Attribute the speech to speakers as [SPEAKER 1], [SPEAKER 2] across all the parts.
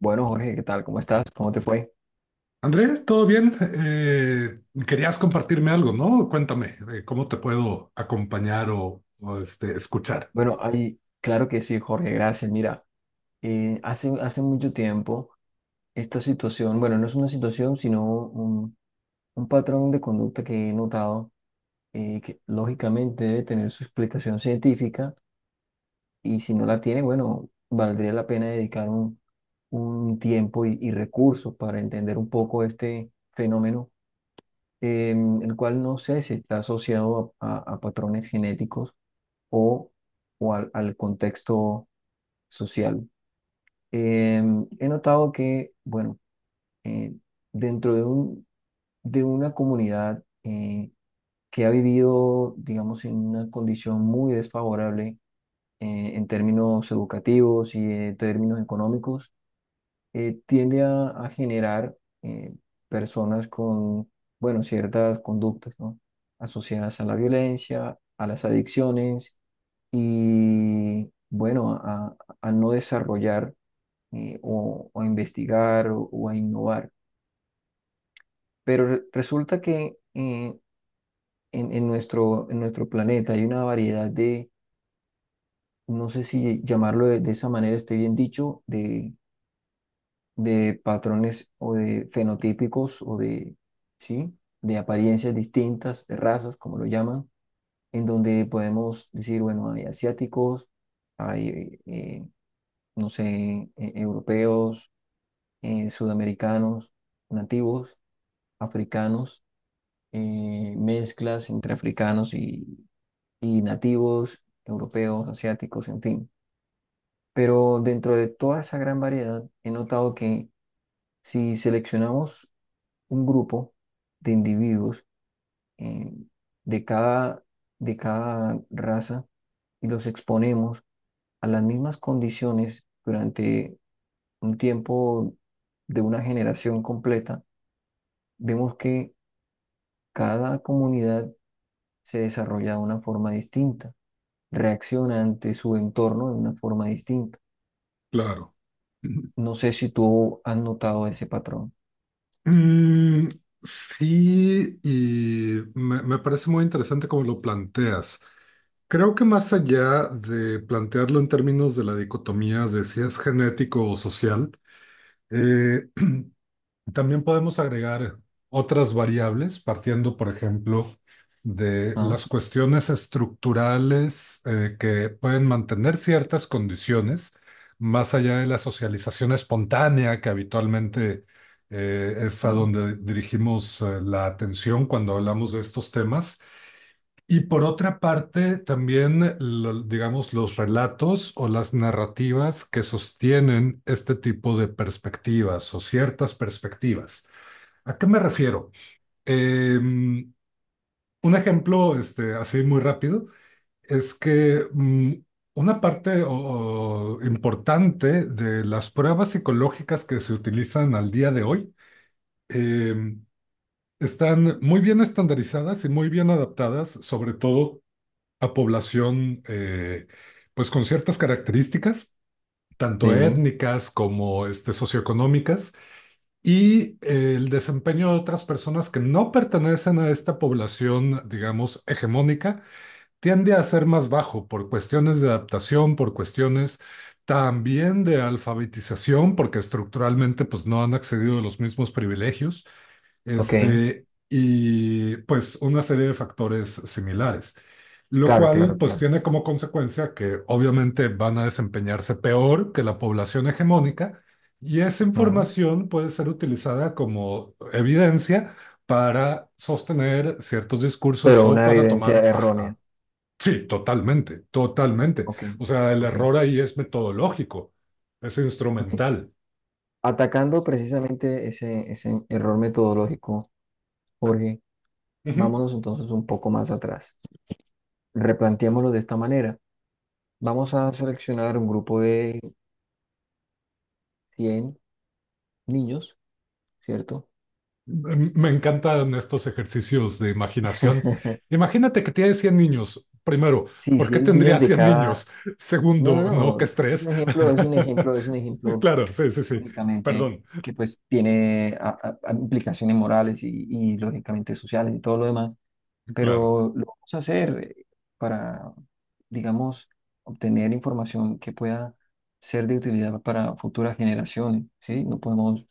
[SPEAKER 1] Bueno, Jorge, ¿qué tal? ¿Cómo estás? ¿Cómo te fue?
[SPEAKER 2] André, ¿todo bien? Querías compartirme algo, ¿no? Cuéntame, ¿cómo te puedo acompañar o, este, escuchar?
[SPEAKER 1] Bueno, ahí, claro que sí, Jorge, gracias. Mira, hace mucho tiempo esta situación. Bueno, no es una situación, sino un patrón de conducta que he notado, que lógicamente debe tener su explicación científica, y si no la tiene, bueno, valdría la pena dedicar un tiempo y recursos para entender un poco este fenómeno, el cual no sé si está asociado a patrones genéticos o, al contexto social. He notado que, bueno, eh, dentro de una comunidad, que ha vivido, digamos, en una condición muy desfavorable en términos educativos y en términos económicos, tiende a generar, eh, personas con, bueno, ciertas conductas, ¿no? Asociadas a la violencia, a las adicciones y, bueno, a no desarrollar, o a investigar o a innovar. Pero resulta que, en, en nuestro planeta hay una variedad de, no sé si llamarlo de esa manera esté bien dicho, de patrones o de fenotípicos o de, ¿sí?, de apariencias distintas, de razas, como lo llaman, en donde podemos decir, bueno, hay asiáticos, hay, no sé, europeos, sudamericanos, nativos, africanos, mezclas entre africanos y nativos, europeos, asiáticos, en fin. Pero dentro de toda esa gran variedad, he notado que si seleccionamos un grupo de individuos, eh, de cada, de cada raza y los exponemos a las mismas condiciones durante un tiempo de una generación completa, vemos que cada comunidad se desarrolla de una forma distinta, reacciona ante su entorno de una forma distinta.
[SPEAKER 2] Claro.
[SPEAKER 1] No sé si tú has notado ese patrón.
[SPEAKER 2] Mm, sí, y me parece muy interesante cómo lo planteas. Creo que más allá de plantearlo en términos de la dicotomía de si es genético o social, Eh, también podemos agregar otras variables, partiendo, por ejemplo, de
[SPEAKER 1] Ah,
[SPEAKER 2] las cuestiones estructurales que pueden mantener ciertas condiciones, más allá de la socialización espontánea, que habitualmente es a
[SPEAKER 1] ah,
[SPEAKER 2] donde dirigimos la atención cuando hablamos de estos temas. Y por otra parte, también, digamos, los relatos o las narrativas que sostienen este tipo de perspectivas o ciertas perspectivas. ¿A qué me refiero? Em, un ejemplo, este, así muy rápido, es que una parte o importante de las pruebas psicológicas que se utilizan al día de hoy em, están muy bien estandarizadas y muy bien adaptadas, sobre todo a población pues con ciertas características, tanto
[SPEAKER 1] sí,
[SPEAKER 2] étnicas como este, socioeconómicas, y el desempeño de otras personas que no pertenecen a esta población, digamos, hegemónica, tiende a ser más bajo por cuestiones de adaptación, por cuestiones también de alfabetización, porque estructuralmente pues no han accedido a los mismos privilegios.
[SPEAKER 1] ok,
[SPEAKER 2] Este, y pues una serie de factores similares, lo
[SPEAKER 1] claro,
[SPEAKER 2] cual
[SPEAKER 1] claro,
[SPEAKER 2] pues
[SPEAKER 1] claro.
[SPEAKER 2] tiene como consecuencia que obviamente van a desempeñarse peor que la población hegemónica y esa
[SPEAKER 1] Mm.
[SPEAKER 2] información puede ser utilizada como evidencia para sostener ciertos discursos
[SPEAKER 1] Pero
[SPEAKER 2] o
[SPEAKER 1] una
[SPEAKER 2] para
[SPEAKER 1] evidencia
[SPEAKER 2] tomar.
[SPEAKER 1] errónea.
[SPEAKER 2] Ajá, sí, totalmente, totalmente.
[SPEAKER 1] Ok,
[SPEAKER 2] O sea, el
[SPEAKER 1] ok.
[SPEAKER 2] error ahí es metodológico, es
[SPEAKER 1] Bien.
[SPEAKER 2] instrumental.
[SPEAKER 1] Atacando precisamente ese, ese error metodológico, Jorge,
[SPEAKER 2] Ujú.
[SPEAKER 1] vámonos entonces un poco más atrás. Replanteémoslo de esta manera. Vamos a seleccionar un grupo de 100 niños, ¿cierto?
[SPEAKER 2] Me encantan estos ejercicios de imaginación. Imagínate que tienes 100 niños. Primero,
[SPEAKER 1] Sí,
[SPEAKER 2] ¿por qué
[SPEAKER 1] 100 niños
[SPEAKER 2] tendrías
[SPEAKER 1] de
[SPEAKER 2] 100
[SPEAKER 1] cada...
[SPEAKER 2] niños?
[SPEAKER 1] No, no,
[SPEAKER 2] Segundo, no,
[SPEAKER 1] no,
[SPEAKER 2] qué
[SPEAKER 1] es un
[SPEAKER 2] estrés.
[SPEAKER 1] ejemplo, es un ejemplo, es un ejemplo
[SPEAKER 2] Claro, sí, sí, sí.
[SPEAKER 1] únicamente,
[SPEAKER 2] Perdón.
[SPEAKER 1] que pues tiene a implicaciones morales y lógicamente sociales y todo lo demás.
[SPEAKER 2] Claro.
[SPEAKER 1] Pero lo vamos a hacer para, digamos, obtener información que pueda ser de utilidad para futuras generaciones, ¿sí? No podemos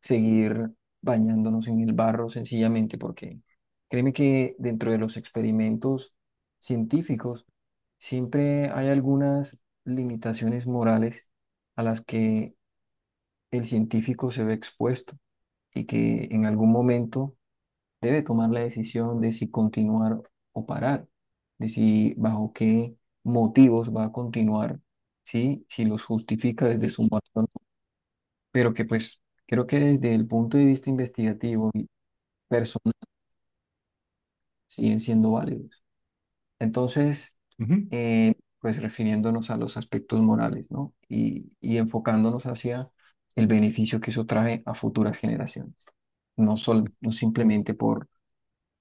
[SPEAKER 1] seguir bañándonos en el barro sencillamente porque, créeme que dentro de los experimentos científicos siempre hay algunas limitaciones morales a las que el científico se ve expuesto y que en algún momento debe tomar la decisión de si continuar o parar, de si bajo qué motivos va a continuar, ¿sí? Si los justifica desde su patrón, pero que, pues, creo que desde el punto de vista investigativo y personal siguen siendo válidos. Entonces,
[SPEAKER 2] Ujú.
[SPEAKER 1] eh, pues refiriéndonos a los aspectos morales, ¿no? Y enfocándonos hacia el beneficio que eso trae a futuras generaciones, no, no simplemente por,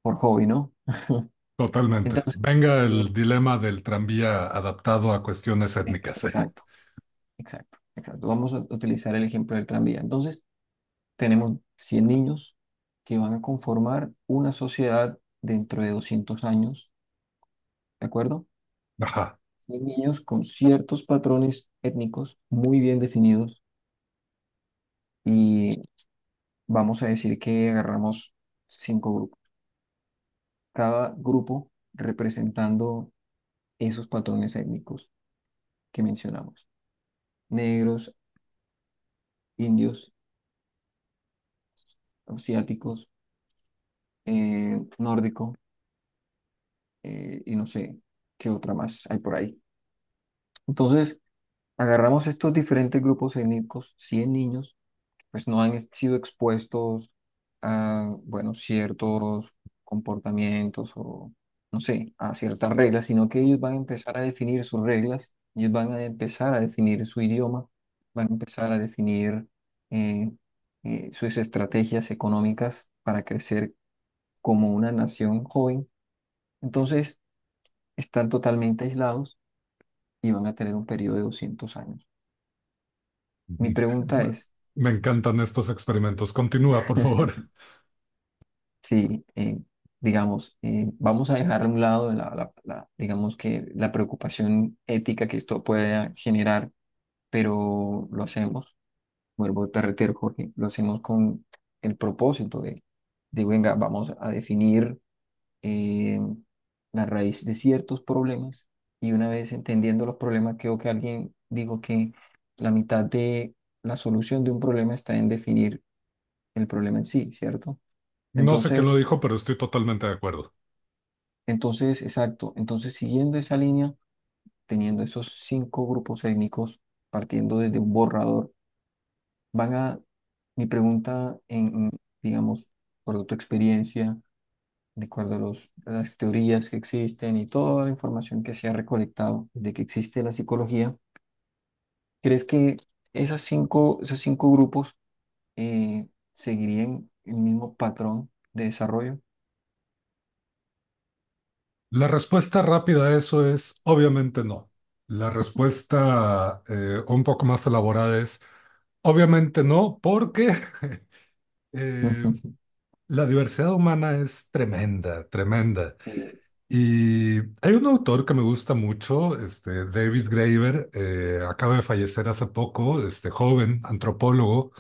[SPEAKER 1] por hobby, ¿no?
[SPEAKER 2] Totalmente.
[SPEAKER 1] Entonces,
[SPEAKER 2] Venga
[SPEAKER 1] eh,
[SPEAKER 2] el dilema del tranvía adaptado a cuestiones étnicas.
[SPEAKER 1] exacto. Exacto, exacto. Vamos a utilizar el ejemplo del tranvía. Entonces, tenemos 100 niños que van a conformar una sociedad dentro de 200 años, ¿de acuerdo?
[SPEAKER 2] Ajá.
[SPEAKER 1] 100 niños con ciertos patrones étnicos muy bien definidos, y vamos a decir que agarramos cinco grupos, cada grupo representando esos patrones étnicos que mencionamos. Negros, indios, asiáticos, nórdicos, y no sé qué otra más hay por ahí. Entonces, agarramos estos diferentes grupos étnicos, 100 niños, pues no han sido expuestos a, bueno, ciertos comportamientos o, no sé, a ciertas reglas, sino que ellos van a empezar a definir sus reglas, ellos van a empezar a definir su idioma, van a empezar a definir, eh, sus estrategias económicas para crecer como una nación joven. Entonces, están totalmente aislados y van a tener un periodo de 200 años. Mi
[SPEAKER 2] Ujú.
[SPEAKER 1] pregunta
[SPEAKER 2] Me
[SPEAKER 1] es,
[SPEAKER 2] me encantan estos experimentos. Continúa, por favor.
[SPEAKER 1] si, digamos, vamos a dejar a un lado digamos que la preocupación ética que esto pueda generar, pero lo hacemos, vuelvo a reitero, Jorge, lo hacemos con el propósito de venga, vamos a definir, eh, la raíz de ciertos problemas, y una vez entendiendo los problemas, creo que alguien dijo que la mitad de la solución de un problema está en definir el problema en sí, ¿cierto?
[SPEAKER 2] No sé quién lo
[SPEAKER 1] Entonces,
[SPEAKER 2] dijo, pero estoy totalmente de acuerdo.
[SPEAKER 1] entonces, exacto. Entonces, siguiendo esa línea, teniendo esos cinco grupos étnicos, partiendo desde un borrador, van a, mi pregunta en, digamos, por tu experiencia, de acuerdo a los- a las teorías que existen y toda la información que se ha recolectado desde que existe la psicología, ¿crees que esos cinco grupos, eh, seguirían el mismo patrón de desarrollo?
[SPEAKER 2] La respuesta rápida a eso es obviamente no. La respuesta un poco más elaborada es obviamente no, porque eh,
[SPEAKER 1] Ujú.
[SPEAKER 2] la diversidad humana es tremenda, tremenda.
[SPEAKER 1] Eh,
[SPEAKER 2] Y hay un autor que me gusta mucho, este, David Graeber, acaba de fallecer hace poco, este joven antropólogo,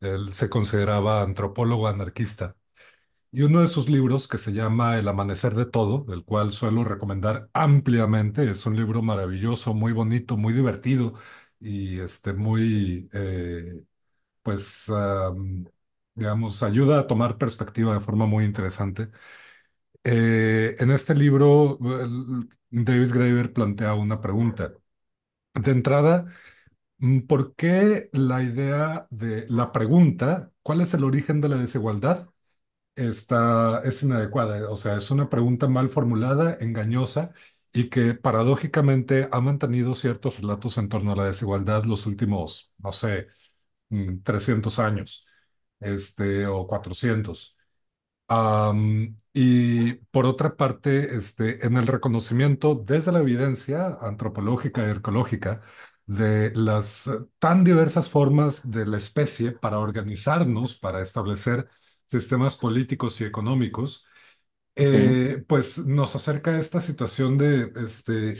[SPEAKER 2] él se consideraba antropólogo anarquista. Y uno de sus libros, que se llama El Amanecer de Todo, el cual suelo recomendar ampliamente, es un libro maravilloso, muy bonito, muy divertido y este, muy, pues, digamos, ayuda a tomar perspectiva de forma muy interesante. En este libro, Davis Graeber plantea una pregunta. De entrada, ¿por qué la idea de la pregunta, ¿cuál es el origen de la desigualdad?, está, es inadecuada? O sea, es una pregunta mal formulada, engañosa y que paradójicamente ha mantenido ciertos relatos en torno a la desigualdad los últimos, no sé, 300 años, este, o 400. Y por otra parte, este, en el reconocimiento desde la evidencia antropológica y arqueológica de las tan diversas formas de la especie para organizarnos, para establecer sistemas políticos y económicos,
[SPEAKER 1] Ok,
[SPEAKER 2] pues nos acerca a esta situación de, este,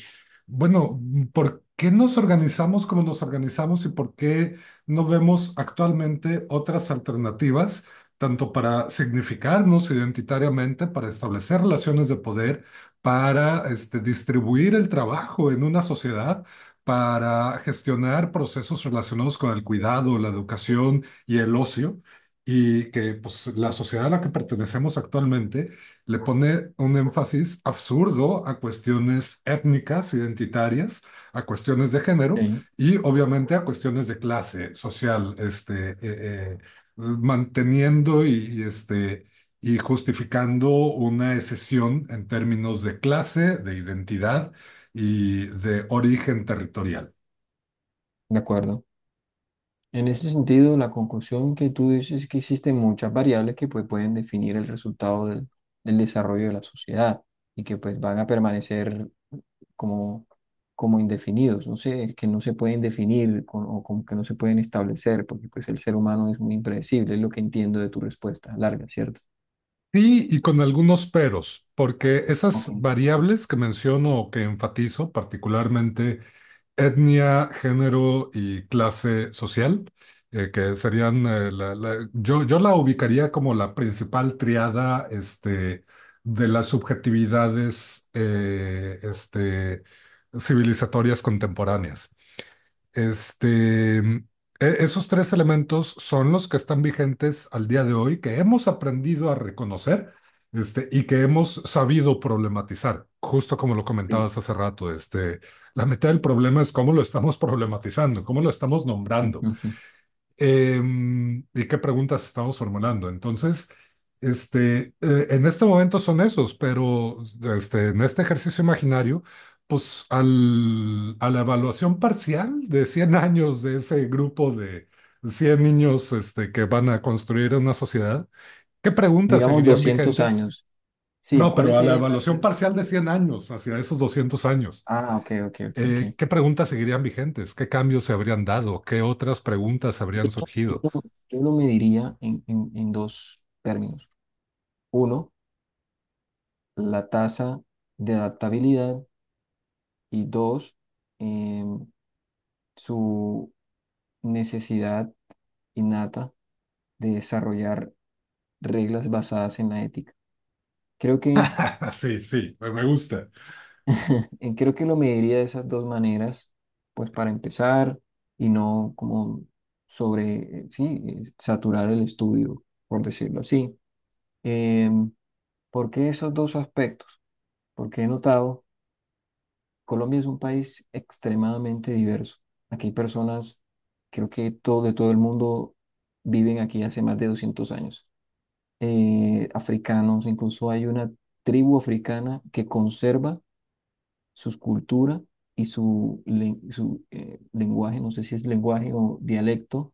[SPEAKER 2] bueno, ¿por qué nos organizamos como nos organizamos y por qué no vemos actualmente otras alternativas, tanto para significarnos identitariamente, para establecer relaciones de poder, para, este, distribuir el trabajo en una sociedad? Para gestionar procesos relacionados con el cuidado, la educación y el ocio, y que pues, la sociedad a la que pertenecemos actualmente le pone un énfasis absurdo a cuestiones étnicas, identitarias, a cuestiones de género
[SPEAKER 1] ok.
[SPEAKER 2] y obviamente a cuestiones de clase social, este, manteniendo y, este, y justificando una excesión en términos de clase, de identidad y de origen territorial.
[SPEAKER 1] De acuerdo. En ese sentido, la conclusión que tú dices es que existen muchas variables que, pues, pueden definir el resultado del, del desarrollo de la sociedad, y que, pues, van a permanecer como, como indefinidos, no sé, que no se pueden definir con- o como que no se pueden establecer, porque, pues, el ser humano es muy impredecible, es lo que entiendo de tu respuesta larga, ¿cierto?
[SPEAKER 2] Sí, y con algunos peros, porque
[SPEAKER 1] Ok,
[SPEAKER 2] esas
[SPEAKER 1] ok,
[SPEAKER 2] variables que menciono o que enfatizo, particularmente etnia, género y clase social, que serían, yo la ubicaría como la principal triada este, de las subjetividades este, civilizatorias contemporáneas. Este, esos tres elementos son los que están vigentes al día de hoy, que hemos aprendido a reconocer, este, y que hemos sabido problematizar, justo como lo
[SPEAKER 1] sí.
[SPEAKER 2] comentabas hace rato, este, la mitad del problema es cómo lo estamos problematizando, cómo lo estamos nombrando.
[SPEAKER 1] Ujú.
[SPEAKER 2] ¿Y qué preguntas estamos formulando? Entonces, este, en este momento son esos, pero este, en este ejercicio imaginario, pues a la evaluación parcial de 100 años de ese grupo de 100 niños este, que van a construir una sociedad, ¿qué preguntas
[SPEAKER 1] Digamos
[SPEAKER 2] seguirían
[SPEAKER 1] 200
[SPEAKER 2] vigentes?
[SPEAKER 1] años. Sí,
[SPEAKER 2] No,
[SPEAKER 1] ¿cuáles
[SPEAKER 2] pero a la
[SPEAKER 1] serían las...
[SPEAKER 2] evaluación parcial de 100 años, hacia esos 200 años.
[SPEAKER 1] Ah, ok, ok, ok, ok.
[SPEAKER 2] ¿Qué preguntas seguirían vigentes? ¿Qué cambios se habrían dado? ¿Qué otras preguntas
[SPEAKER 1] Yo,
[SPEAKER 2] habrían
[SPEAKER 1] no,
[SPEAKER 2] surgido?
[SPEAKER 1] yo lo mediría en, en dos términos. Uno, la tasa de adaptabilidad, y dos, em, su necesidad innata de desarrollar reglas basadas en la ética. Creo que,
[SPEAKER 2] Sí, sí, me gusta.
[SPEAKER 1] creo que lo mediría de esas dos maneras, pues para empezar, y no como sobre, sí, saturar el estudio, por decirlo así. Em, ¿Por qué esos dos aspectos? Porque he notado, Colombia es un país extremadamente diverso. Aquí hay personas, creo que todo, de todo el mundo, viven aquí hace más de 200 años. Africanos, incluso hay una tribu africana que conserva sus cultura y su lenguaje, no sé si es lenguaje o dialecto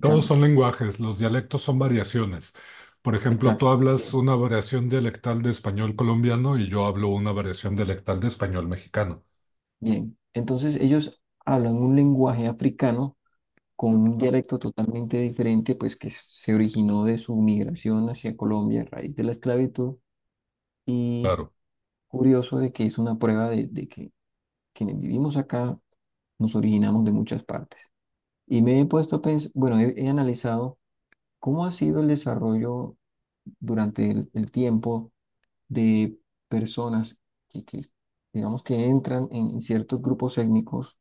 [SPEAKER 2] Todos son lenguajes, los dialectos son variaciones. Por ejemplo, tú
[SPEAKER 1] Exacto.
[SPEAKER 2] hablas
[SPEAKER 1] Bien,
[SPEAKER 2] una variación dialectal de español colombiano y yo hablo una variación dialectal de español mexicano.
[SPEAKER 1] bien. Entonces, ellos hablan un lenguaje africano con un dialecto totalmente diferente, pues que se originó de su migración hacia Colombia a raíz de la esclavitud. Y
[SPEAKER 2] Claro.
[SPEAKER 1] curioso de que es una prueba de que quienes vivimos acá nos originamos de muchas partes. Y me he puesto a pensar, bueno, he analizado cómo ha sido el desarrollo durante el tiempo de personas que, que, digamos, que entran en ciertos grupos étnicos,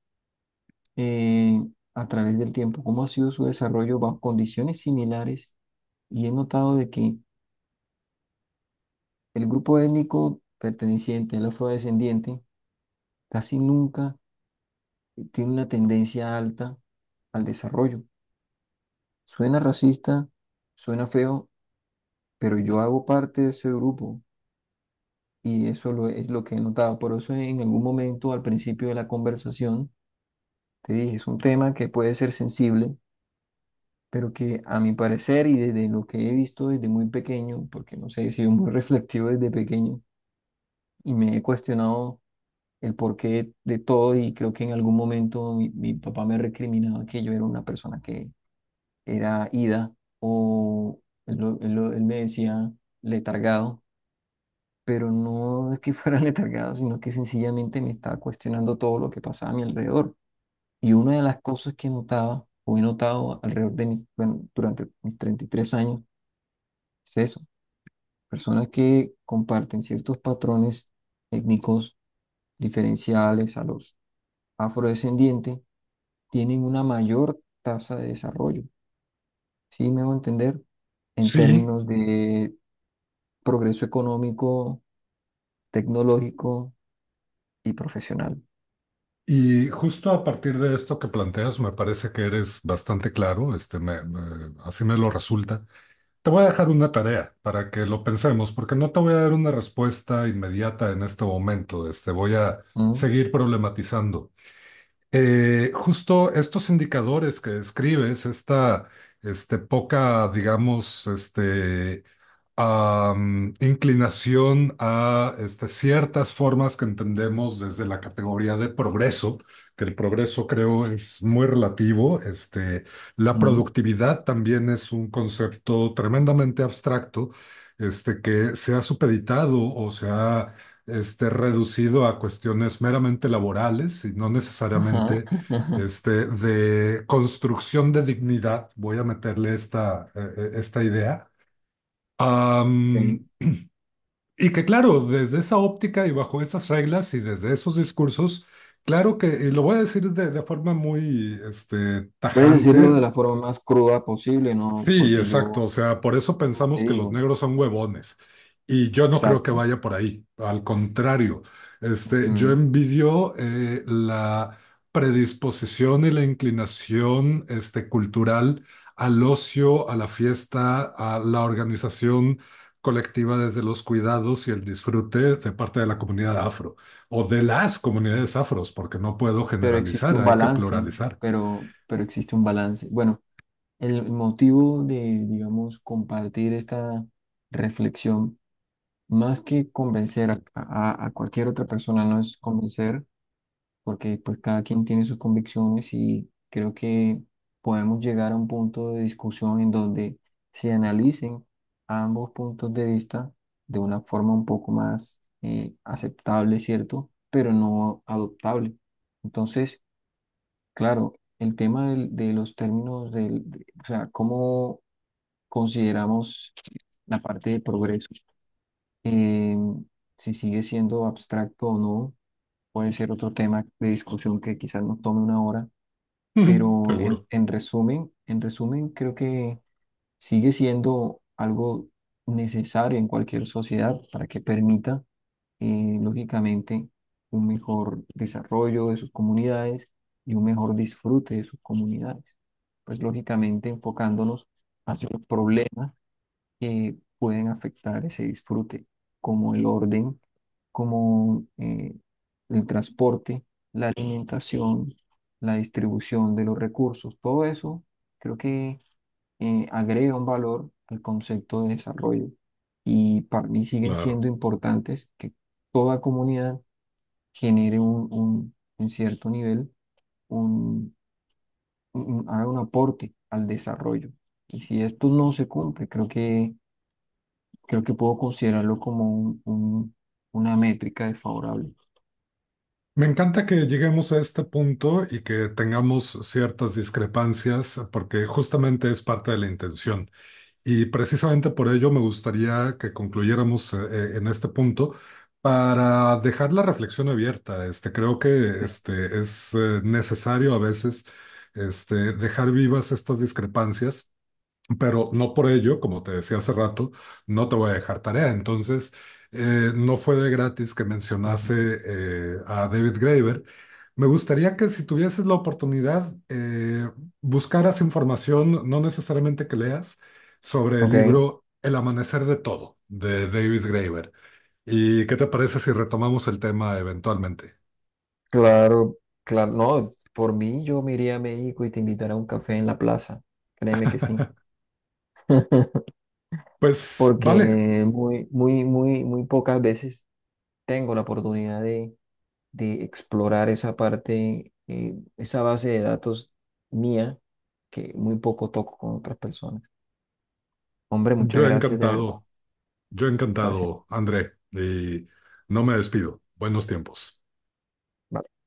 [SPEAKER 1] eh, a través del tiempo, cómo ha sido su desarrollo bajo condiciones similares, y he notado de que el grupo étnico perteneciente al afrodescendiente casi nunca tiene una tendencia alta al desarrollo. Suena racista, suena feo, pero yo hago parte de ese grupo y eso lo, es lo que he notado. Por eso, en algún momento, al principio de la conversación, te dije, es un tema que puede ser sensible, pero que a mi parecer y desde lo que he visto desde muy pequeño, porque no sé, he sido muy reflexivo desde pequeño y me he cuestionado el porqué de todo. Y creo que en algún momento mi papá me recriminaba que yo era una persona que era ida, o él, él me decía letargado, pero no es que fuera letargado, sino que sencillamente me estaba cuestionando todo lo que pasaba a mi alrededor. Y una de las cosas que notaba o he notado alrededor de mis, bueno, durante mis 33 años, es eso, personas que comparten ciertos patrones étnicos diferenciales a los afrodescendientes tienen una mayor tasa de desarrollo, ¿sí me hago entender? En
[SPEAKER 2] Sí,
[SPEAKER 1] términos de progreso económico, tecnológico y profesional.
[SPEAKER 2] y justo a partir de esto que planteas, me parece que eres bastante claro, este, así me lo resulta. Te voy a dejar una tarea para que lo pensemos, porque no te voy a dar una respuesta inmediata en este momento. Este, voy a
[SPEAKER 1] ¿Mm?
[SPEAKER 2] seguir problematizando justo estos indicadores que describes, esta este, poca, digamos, este, inclinación a este, ciertas formas que entendemos desde la categoría de progreso, que el progreso creo es muy relativo. Este, la
[SPEAKER 1] ¿Mm?
[SPEAKER 2] productividad también es un concepto tremendamente abstracto. Este, que se ha supeditado o se ha este, reducido a cuestiones meramente laborales y no
[SPEAKER 1] Ajá.
[SPEAKER 2] necesariamente este, de construcción de dignidad, voy a meterle esta idea.
[SPEAKER 1] Ok.
[SPEAKER 2] Am, y que claro, desde esa óptica y bajo esas reglas y desde esos discursos, claro que, y lo voy a decir de forma muy este,
[SPEAKER 1] Puedes decirlo de
[SPEAKER 2] tajante.
[SPEAKER 1] la forma más cruda posible, ¿no?
[SPEAKER 2] Sí,
[SPEAKER 1] Porque
[SPEAKER 2] exacto.
[SPEAKER 1] yo,
[SPEAKER 2] O sea, por eso
[SPEAKER 1] como te
[SPEAKER 2] pensamos que los
[SPEAKER 1] digo,
[SPEAKER 2] negros son huevones. Y yo no creo que
[SPEAKER 1] exacto.
[SPEAKER 2] vaya por ahí. Al contrario, este, yo
[SPEAKER 1] ¿Mm?
[SPEAKER 2] envidio la predisposición y la inclinación este, cultural al ocio, a la fiesta, a la organización colectiva desde los cuidados y el disfrute de parte de la comunidad afro o de las comunidades afros, porque no puedo
[SPEAKER 1] Pero existe
[SPEAKER 2] generalizar,
[SPEAKER 1] un
[SPEAKER 2] hay que
[SPEAKER 1] balance,
[SPEAKER 2] pluralizar.
[SPEAKER 1] pero existe un balance. Bueno, el motivo de, digamos, compartir esta reflexión, más que convencer a, a cualquier otra persona, no es convencer, porque, pues, cada quien tiene sus convicciones y creo que podemos llegar a un punto de discusión en donde se analicen ambos puntos de vista de una forma un poco más, aceptable, ¿cierto? Pero no adoptable. Entonces, claro, el tema de los términos o sea, cómo consideramos la parte de progreso, eh, si sigue siendo abstracto o no, puede ser otro tema de discusión que quizás nos tome una hora, pero,
[SPEAKER 2] Seguro,
[SPEAKER 1] en resumen, creo que sigue siendo algo necesario en cualquier sociedad para que permita, lógicamente, un mejor desarrollo de sus comunidades y un mejor disfrute de sus comunidades. Pues, lógicamente, enfocándonos hacia los problemas que pueden afectar ese disfrute, como el orden, como, el transporte, la alimentación, la distribución de los recursos, todo eso creo que, agrega un valor al concepto de desarrollo, y para mí siguen
[SPEAKER 2] claro.
[SPEAKER 1] siendo importantes que toda comunidad genere un, en cierto nivel, un, haga un aporte al desarrollo. Y si esto no se cumple, creo que puedo considerarlo como un, una métrica desfavorable.
[SPEAKER 2] Me encanta que lleguemos a este punto y que tengamos ciertas discrepancias, porque justamente es parte de la intención. Y precisamente por ello me gustaría que concluyéramos en este punto para dejar la reflexión abierta. Este, creo que
[SPEAKER 1] Sí.
[SPEAKER 2] este, es necesario a veces este, dejar vivas estas discrepancias pero no por ello, como te decía hace rato, no te voy a dejar tarea. Entonces, no fue de gratis que mencionase
[SPEAKER 1] Ujú.
[SPEAKER 2] a David Graeber. Me gustaría que si tuvieses la oportunidad, buscaras información, no necesariamente que leas, sobre el
[SPEAKER 1] Ok,
[SPEAKER 2] libro El amanecer de todo, de David Graeber. ¿Y qué te parece si retomamos el tema eventualmente?
[SPEAKER 1] claro, claro. No, por mí yo me iría a México y te invitaré a un café en la plaza. Créeme que sí.
[SPEAKER 2] Pues
[SPEAKER 1] Porque
[SPEAKER 2] vale,
[SPEAKER 1] muy, muy, muy, muy pocas veces tengo la oportunidad de explorar esa parte, esa base de datos mía, que muy poco toco con otras personas. Hombre, muchas
[SPEAKER 2] yo
[SPEAKER 1] gracias, de verdad.
[SPEAKER 2] encantado, yo
[SPEAKER 1] Gracias.
[SPEAKER 2] encantado, André, y no me despido. Buenos tiempos.
[SPEAKER 1] Vale.